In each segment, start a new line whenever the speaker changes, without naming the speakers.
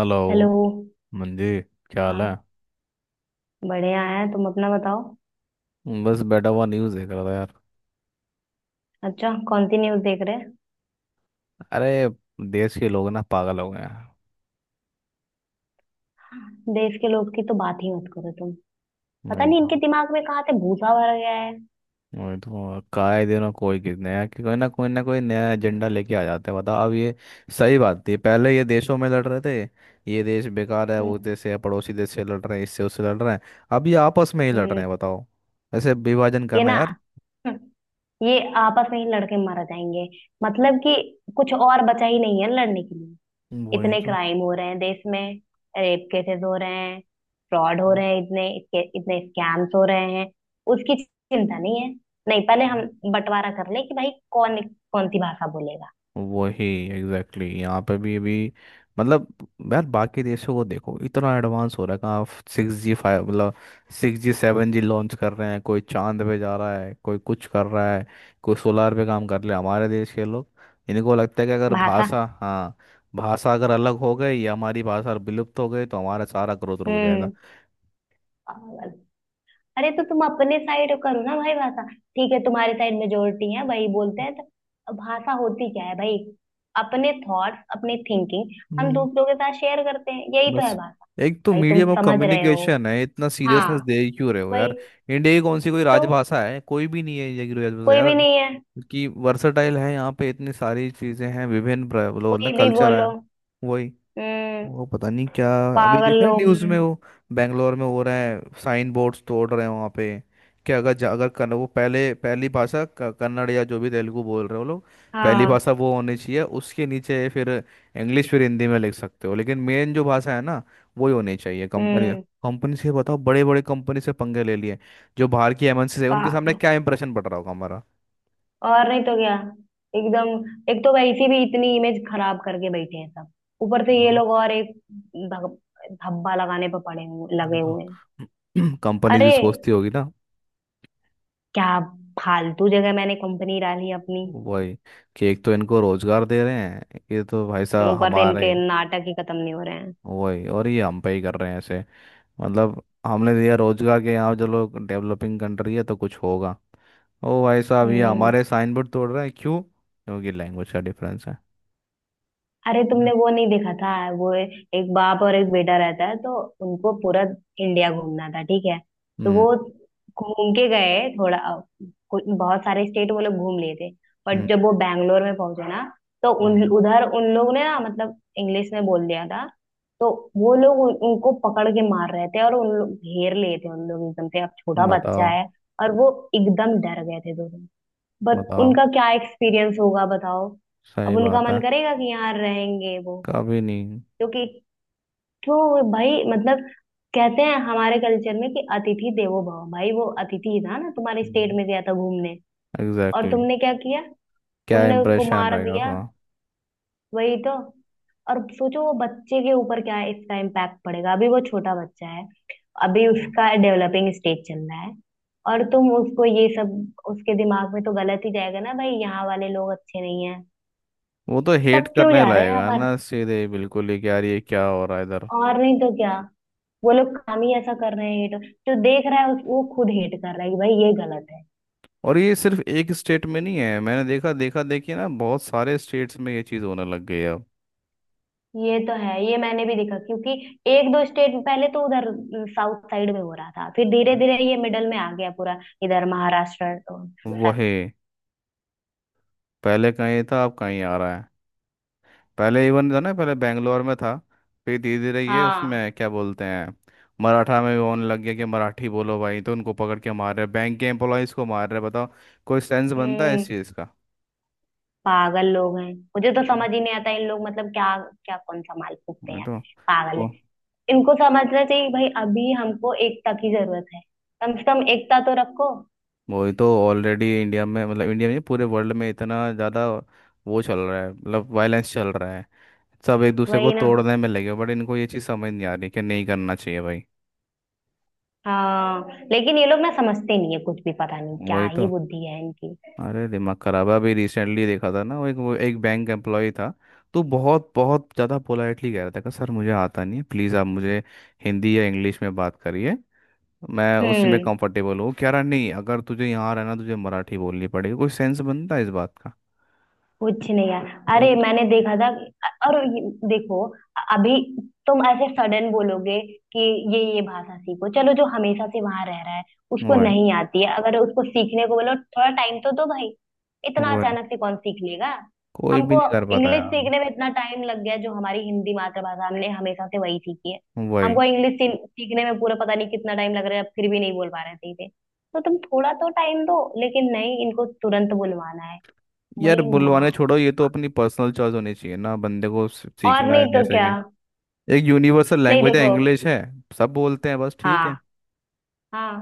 Hello
hello.
मंजी, क्या हाल है?
हाँ। बढ़िया है, तुम अपना बताओ।
बस बैठा हुआ न्यूज़ देख रहा था यार।
अच्छा कौन सी न्यूज़ देख रहे हैं?
अरे, देश के लोग ना पागल हो गए हैं।
देश के लोग की तो बात ही मत करो तुम। पता
नहीं
नहीं इनके
तो।
दिमाग में कहाँ से भूसा भर गया है।
वही तो, काहे दिनों कोई किस नया कि कोई ना कोई नया एजेंडा लेके आ जाते हैं। बताओ अब ये सही बात थी, पहले ये देशों में लड़ रहे थे, ये देश बेकार है वो
हम्म।
देश है, पड़ोसी देश से लड़ रहे हैं, इससे उससे लड़ रहे हैं। अब ये आपस में ही लड़ रहे
हम्म,
हैं बताओ। ऐसे विभाजन
ये
करना
ना।
यार।
हम्म, ये आपस में ही लड़के मारे जाएंगे। मतलब कि कुछ और बचा ही नहीं है लड़ने के लिए। इतने
वही
क्राइम हो रहे हैं देश में। रेप केसेस हो रहे हैं। फ्रॉड हो रहे हैं, इतने इतने स्कैम्स हो रहे हैं। उसकी चिंता नहीं है। नहीं, पहले
तो।
हम बंटवारा कर ले कि भाई कौन कौन सी भाषा बोलेगा।
वही। Exactly exactly। यहाँ पे भी अभी, मतलब, यार बाकी देशों को देखो, इतना एडवांस हो रखा है। आप 6G 5, मतलब 6G 7G लॉन्च कर रहे हैं, कोई चांद पे जा रहा है, कोई कुछ कर रहा है, कोई सोलार पे काम कर रहे हैं। हमारे देश के लोग, इनको लगता है कि अगर
भाषा।
भाषा, हाँ, भाषा अगर अलग हो गई या हमारी भाषा विलुप्त हो गई तो हमारा सारा ग्रोथ रुक जाएगा।
हम्म। पागल। अरे तो तुम अपने साइड करो ना भाई, भाषा ठीक है, तुम्हारे साइड मेजोरिटी है भाई बोलते हैं तो। अब भाषा होती क्या है भाई? अपने थॉट्स, अपने थिंकिंग हम दूसरों के साथ शेयर करते हैं, यही तो है
बस
भाषा।
एक तो
भाई तुम
मीडियम ऑफ
समझ रहे हो?
कम्युनिकेशन है, इतना
हाँ।
सीरियसनेस दे क्यों रहे हो
भाई
यार। इंडिया की कौन सी कोई
तो
राजभाषा है? कोई भी नहीं है इंडिया की राजभाषा
कोई
यार।
भी नहीं है,
कि वर्सटाइल है, यहाँ पे इतनी सारी चीजें हैं, विभिन्न बोलो ना,
कोई भी
कल्चर है।
बोलो।
वही।
हम्म।
वो पता नहीं क्या। अभी
पागल
देखा है
लोग
न्यूज़
हैं।
में वो, बेंगलोर में हो रहा है, साइन बोर्ड्स तोड़ रहे हैं वहाँ पे। क्या, अगर कन्न वो पहले पहली भाषा, कन्नड़ या जो भी तेलुगु बोल रहे हो लोग, पहली
हाँ।
भाषा वो होनी चाहिए, उसके नीचे फिर इंग्लिश फिर हिंदी में लिख सकते हो, लेकिन मेन जो भाषा है ना वो ही होनी चाहिए। कंपनी,
हम्म।
कंपनी से बताओ, बड़े बड़े कंपनी से पंगे ले लिए, जो बाहर की MNC है उनके सामने
पागल।
क्या इंप्रेशन पड़ रहा होगा हमारा।
और नहीं तो क्या। एकदम एक तो वैसी भी इतनी इमेज खराब करके बैठे हैं सब, ऊपर से ये
हाँ।
लोग और एक धब- धब्बा लगाने पर पड़े हुए
वो
लगे
तो
हुए हैं।
कंपनीज भी
अरे
सोचती होगी ना।
क्या, फालतू जगह मैंने कंपनी डाली अपनी।
वही कि एक तो इनको रोजगार दे रहे हैं, ये तो भाई साहब
ऊपर से
हमारे।
इनके नाटक ही खत्म नहीं हो रहे हैं।
वही, और ये हम पे ही कर रहे हैं ऐसे। मतलब हमने दिया रोजगार, के यहाँ जो लोग डेवलपिंग कंट्री है तो कुछ होगा। ओ भाई साहब, ये
हम्म।
हमारे साइन बोर्ड तोड़ रहे हैं क्यों? क्योंकि लैंग्वेज का डिफरेंस है।
अरे तुमने वो नहीं देखा था? वो एक बाप और एक बेटा रहता है तो उनको पूरा इंडिया घूमना था, ठीक है। तो
हम्म।
वो घूम के गए थोड़ा, बहुत सारे स्टेट वो लोग घूम लिए थे। पर
हम्म।
जब वो बैंगलोर में पहुंचे ना, तो उन
हम्म।
उधर उन लोग ने ना मतलब इंग्लिश में बोल दिया था। तो वो लोग उनको पकड़ के मार रहे थे, और उन लोग घेर लिए थे, उन लोग एकदम से, अब छोटा बच्चा
बताओ।
है। और वो एकदम डर गए थे दोनों। बट
बताओ।
उनका क्या एक्सपीरियंस होगा, बताओ?
सही
अब उनका
बात
मन
है।
करेगा कि यहाँ रहेंगे वो?
कभी नहीं।
क्योंकि तो भाई मतलब कहते हैं हमारे कल्चर में कि अतिथि देवो भव। भाई वो अतिथि ही था ना, तुम्हारे स्टेट में गया था घूमने, और
एग्जैक्टली exactly।
तुमने क्या किया?
क्या
तुमने उसको
इम्प्रेशन
मार
रहेगा
दिया।
उसका।
वही तो। और सोचो वो बच्चे के ऊपर क्या इसका इम्पैक्ट पड़ेगा, अभी वो छोटा बच्चा है, अभी
वो
उसका डेवलपिंग स्टेज चल रहा है, और तुम उसको ये सब। उसके दिमाग में तो गलत ही जाएगा ना भाई, यहाँ वाले लोग अच्छे नहीं है।
वो तो हेट
सब क्यों
करने
जा रहे हैं
लगेगा
हमारे।
ना सीधे बिल्कुल ही, कि यार ये क्या हो रहा है इधर।
और नहीं तो क्या। वो लोग काम ही ऐसा कर रहे हैं ये तो। जो देख रहा है वो खुद हेट कर रहा है कि भाई ये गलत है।
और ये सिर्फ एक स्टेट में नहीं है, मैंने देखा देखा देखिए ना, बहुत सारे स्टेट्स में ये चीज़ होने लग गई है अब।
ये तो है, ये मैंने भी देखा, क्योंकि एक दो स्टेट पहले तो उधर साउथ साइड में हो रहा था, फिर धीरे धीरे ये मिडल में आ गया, पूरा इधर महाराष्ट्र तो,
वही। पहले कहीं था, अब कहीं आ रहा है। पहले इवन था ना, पहले बेंगलोर में था, फिर धीरे धीरे ये
हाँ।
उसमें क्या बोलते हैं, मराठा में भी होने लग गया कि मराठी बोलो भाई, तो उनको पकड़ के मार रहे हैं, बैंक के एम्प्लॉयज़ को मार रहे हैं बताओ। कोई सेंस बनता है
हम्म।
इस चीज़ का?
पागल लोग हैं, मुझे तो
है ना?
समझ ही नहीं आता इन लोग मतलब क्या। क्या कौन सा माल फूकते हैं
नहीं
यार।
तो।
पागल है। इनको समझना चाहिए कि भाई अभी हमको एकता की जरूरत है, कम से कम एकता तो रखो।
वही तो, ऑलरेडी इंडिया में, मतलब इंडिया में नहीं, पूरे वर्ल्ड में इतना ज़्यादा वो चल रहा है, मतलब वायलेंस चल रहा है। सब एक दूसरे को
वही ना।
तोड़ने में लगे, बट इनको ये चीज़ समझ नहीं आ रही कि नहीं करना चाहिए भाई।
हाँ। लेकिन ये लोग ना समझते नहीं है कुछ भी, पता नहीं क्या
वही
ही
तो।
बुद्धि है इनकी।
अरे दिमाग खराब है, अभी रिसेंटली देखा था ना, वो एक बैंक एम्प्लॉय था, तो बहुत बहुत ज़्यादा पोलाइटली कह रहा था कि सर मुझे आता नहीं है, प्लीज़ आप मुझे हिंदी या इंग्लिश में बात करिए, मैं उसी में
हम्म।
कंफर्टेबल हूँ। कह रहा नहीं, अगर तुझे यहाँ रहना तुझे मराठी बोलनी पड़ेगी। कोई सेंस बनता है इस बात का?
कुछ नहीं यार।
वो
अरे मैंने देखा था, और ये, देखो, अभी तुम ऐसे सडन बोलोगे कि ये भाषा सीखो चलो। जो हमेशा से वहां रह रहा है, उसको
वो है
नहीं आती है, अगर उसको सीखने को बोलो, थोड़ा टाइम तो दो भाई। इतना
वो है।
अचानक से कौन सीख लेगा?
कोई भी
हमको
नहीं कर पाता
इंग्लिश
यार।
सीखने में इतना टाइम लग गया, जो हमारी हिंदी मातृभाषा हमने हमेशा से वही सीखी है,
वही।
हमको इंग्लिश सीखने में पूरा पता नहीं कितना टाइम लग रहा है, अब फिर भी नहीं बोल पा रहे थे, तो तुम थोड़ा तो टाइम दो, लेकिन नहीं, इनको तुरंत बुलवाना है।
यार
वही माँ।
बुलवाने छोड़ो, ये तो अपनी पर्सनल चॉइस होनी चाहिए ना, बंदे को
और
सीखना है
नहीं
नहीं
तो क्या।
सीखे। एक यूनिवर्सल
नहीं
लैंग्वेज है,
देखो।
इंग्लिश है सब बोलते हैं, बस ठीक है,
हाँ। हाँ।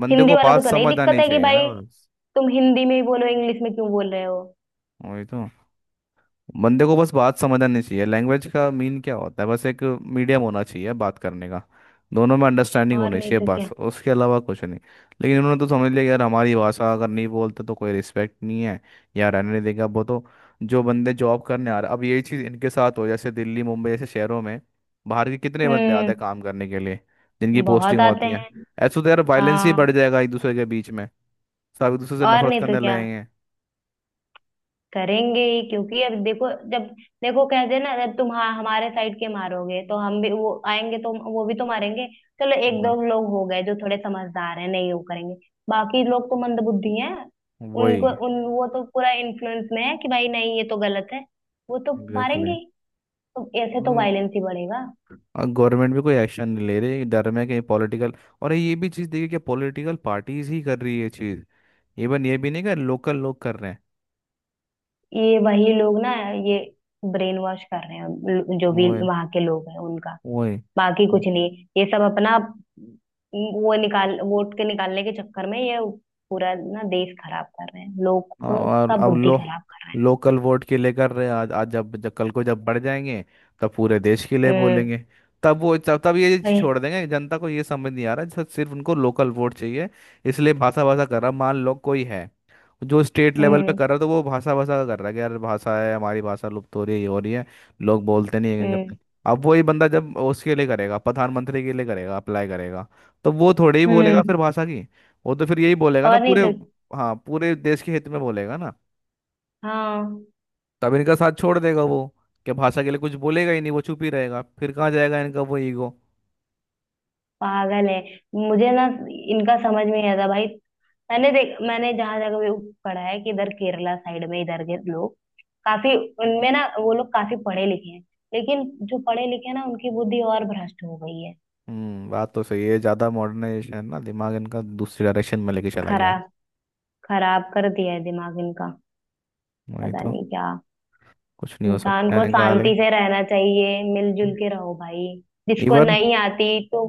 बंदे
हिंदी
को
वालों को
बात
तो नहीं
समझ
दिक्कत
आनी
है कि
चाहिए ना
भाई
बस।
तुम हिंदी में ही बोलो, इंग्लिश में क्यों बोल रहे हो?
वही तो, बंदे को बस बात समझ आनी चाहिए, लैंग्वेज का मीन क्या होता है, बस एक मीडियम होना चाहिए बात करने का, दोनों में अंडरस्टैंडिंग
और
होनी
नहीं
चाहिए
तो
बस,
क्या।
उसके अलावा कुछ नहीं। लेकिन उन्होंने तो समझ लिया कि यार हमारी भाषा अगर नहीं बोलते तो कोई रिस्पेक्ट नहीं है, या रहने नहीं देगा। वो तो जो बंदे जॉब करने आ रहे, अब यही चीज़ इनके साथ हो, जैसे दिल्ली मुंबई जैसे शहरों में बाहर के कितने बंदे आते
हम्म
हैं काम करने के लिए, जिनकी
बहुत
पोस्टिंग
आते
होती है।
हैं।
ऐसे तो यार वायलेंस ही
हाँ।
बढ़ जाएगा एक दूसरे के बीच में, सब एक दूसरे से
और
नफरत
नहीं तो
करने
क्या।
लगेंगे।
करेंगे ही, क्योंकि अब देखो, जब देखो कहते हैं ना, जब तुम हाँ हमारे साइड के मारोगे, तो हम भी वो आएंगे तो वो भी तो मारेंगे। चलो एक
वह-
दो लोग हो गए जो थोड़े समझदार हैं, नहीं वो करेंगे, बाकी लोग तो मंदबुद्धि हैं।
वही।
उनको उन वो तो पूरा इन्फ्लुएंस में है कि भाई नहीं ये तो गलत है, वो तो मारेंगे
एग्जैक्टली।
ही। तो ऐसे तो वायलेंस ही बढ़ेगा।
और गवर्नमेंट भी कोई एक्शन नहीं ले रही, डर में कहीं पॉलिटिकल, और ये भी चीज़ देखिए क्या पॉलिटिकल पार्टीज ही कर रही है ये चीज़, इवन ये भी नहीं, कर लोकल लोग कर रहे हैं।
ये वही लोग ना, ये ब्रेन वॉश कर रहे हैं जो भी
ओए,
वहां के लोग हैं उनका।
ओए।
बाकी कुछ नहीं, ये सब अपना वो निकाल, वोट के निकालने के चक्कर में ये पूरा ना देश खराब कर रहे हैं, लोग
और
का
अब
बुद्धि
लो,
खराब कर रहे
लोकल वोट के लिए कर रहे हैं आज, जब जब कल को जब बढ़ जाएंगे, तब पूरे देश के लिए
हैं। हम्म।
बोलेंगे। तब वो, तब तब ये चीज़ छोड़
वही।
देंगे, जनता को ये समझ नहीं आ रहा है, सिर्फ उनको लोकल वोट चाहिए। इसलिए भाषा भाषा कर रहा। मान लो कोई है जो स्टेट लेवल पे
हम्म।
कर रहा है, तो वो भाषा भाषा का कर रहा है कि यार भाषा है हमारी, भाषा लुप्त हो रही है, ये हो रही है, लोग बोलते नहीं है ये नहीं
हम्म।
करते। अब वही बंदा जब उसके लिए करेगा, प्रधानमंत्री के लिए करेगा अप्लाई करेगा, तो वो थोड़े ही बोलेगा
हम्म।
फिर भाषा की। वो तो फिर यही बोलेगा ना
और नहीं
पूरे,
तो।
हाँ पूरे देश के हित में बोलेगा ना।
हाँ।
तब इनका साथ छोड़ देगा वो, क्या भाषा के लिए कुछ बोलेगा ही नहीं, वो चुप ही रहेगा, फिर कहाँ जाएगा इनका वो ईगो।
पागल है। मुझे ना इनका समझ में नहीं आता भाई। मैंने जहां जगह भी पढ़ा है कि इधर केरला साइड में इधर के लोग काफी, उनमें ना वो लोग काफी पढ़े लिखे हैं, लेकिन जो पढ़े लिखे हैं ना, उनकी बुद्धि और भ्रष्ट हो गई है।
हम्म, बात तो सही है, ज़्यादा मॉडर्नाइजेशन है ना, दिमाग इनका दूसरी डायरेक्शन में लेके चला गया
खरा
है।
खराब कर दिया है दिमाग इनका।
वही
पता
तो।
नहीं क्या।
कुछ नहीं हो
इंसान
सकता है
को
इनका
शांति
लेकिन,
से रहना चाहिए, मिलजुल के रहो भाई। जिसको
इवन,
नहीं आती तो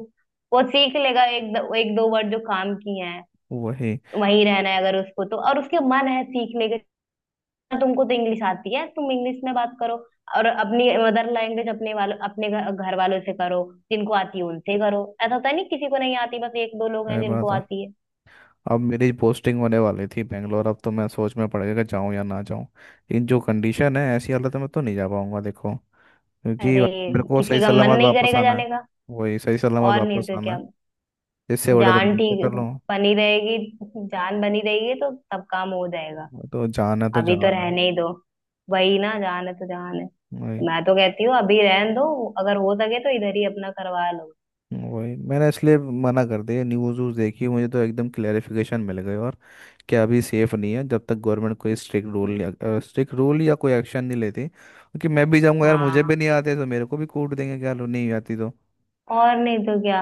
वो सीख लेगा एक दो वर्ड जो काम किए हैं।
वही।
वही रहना है अगर उसको तो, और उसके मन है सीखने के। तुमको तो इंग्लिश आती है, तुम इंग्लिश में बात करो, और अपनी मदर लैंग्वेज अपने वालों, अपने घर घर वालों से करो। जिनको आती है उनसे करो, ऐसा होता नहीं, किसी को नहीं आती, बस एक दो लोग हैं
क्या बात
जिनको
है,
आती है।
अब मेरी पोस्टिंग होने वाली थी बेंगलोर, अब तो मैं सोच में पड़ गया कि जाऊँ या ना जाऊँ, लेकिन जो कंडीशन है ऐसी हालत में तो नहीं जा पाऊंगा देखो, क्योंकि
अरे
मेरे को
किसी
सही
का मन
सलामत
नहीं
वापस
करेगा
आना
जाने
है।
का।
वही, सही सलामत
और नहीं
वापस
तो
आना
क्या।
है, इससे बड़ा तो
जान
नहीं, पे कर
ठीक
लो।
बनी रहेगी, जान बनी रहेगी तो सब काम हो जाएगा।
तो
अभी तो
जाना है।
रहने ही दो। वही ना, जान है तो जान है।
वही।
मैं तो कहती हूँ अभी रहने दो, अगर हो सके तो इधर ही अपना करवा लो।
वही मैंने इसलिए मना कर दिया, न्यूज़ व्यूज़ देखी मुझे तो एकदम क्लेरिफिकेशन मिल गई और क्या, अभी सेफ नहीं है जब तक गवर्नमेंट कोई स्ट्रिक्ट रूल या कोई एक्शन नहीं लेती, क्योंकि मैं भी जाऊंगा यार, मुझे भी
हाँ।
नहीं आते तो मेरे को भी कूट देंगे क्या, लो नहीं आती तो।
और नहीं तो क्या।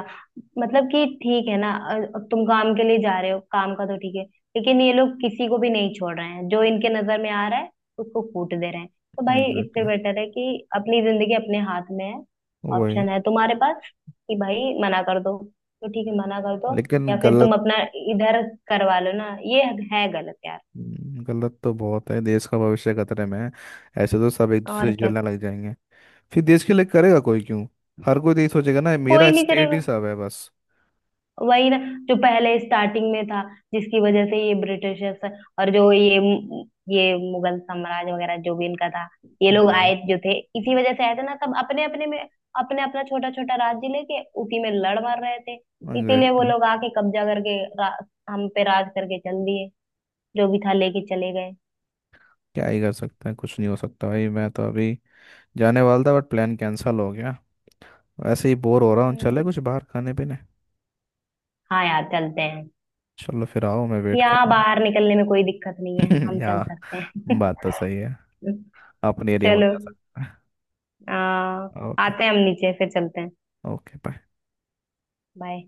मतलब कि ठीक है ना, तुम काम के लिए जा रहे हो, काम का तो ठीक है, लेकिन ये लोग किसी को भी नहीं छोड़ रहे हैं, जो इनके नजर में आ रहा है उसको फूट दे रहे हैं। तो भाई इससे
एग्जैक्टली।
बेटर है कि अपनी जिंदगी अपने हाथ में है,
वही।
ऑप्शन है तुम्हारे पास कि भाई मना कर दो तो ठीक है मना कर दो,
लेकिन
या फिर तुम
गलत।
अपना इधर करवा लो ना, ये है गलत यार।
गलत तो बहुत है, देश का भविष्य खतरे में है, ऐसे तो सब एक दूसरे
और
से
क्या।
जलने लग जाएंगे, फिर देश के लिए करेगा कोई क्यों? हर कोई तो यही सोचेगा ना
कोई
मेरा
नहीं
स्टेट ही
करेगा।
सब है बस।
वही ना, जो पहले स्टार्टिंग में था, जिसकी वजह से ये ब्रिटिशर्स और जो ये मुगल साम्राज्य वगैरह जो भी इनका था, ये लोग
वो है।
आए जो थे, इसी वजह से आए थे ना, सब अपने अपने में, अपने अपना छोटा छोटा राज्य लेके उसी में लड़ मर रहे थे। इसीलिए वो
एग्जैक्टली।
लोग आके कब्जा करके हम पे राज करके चल दिए, जो भी था लेके चले गए।
क्या ही कर सकते हैं, कुछ नहीं हो सकता भाई। मैं तो अभी जाने वाला था बट प्लान कैंसिल हो गया, वैसे ही बोर हो रहा हूँ, चले
हम्म।
कुछ बाहर खाने पीने।
हाँ यार, चलते हैं।
चलो फिर आओ, मैं वेट कर
यहाँ
रहा
बाहर निकलने में कोई दिक्कत नहीं है,
हूँ
हम
या
चल सकते हैं।
बात तो सही है, अपने एरिया में
चलो।
तो जा सकते
आ,
हैं। ओके।
आते हैं, हम नीचे फिर चलते हैं।
Okay bye.
बाय।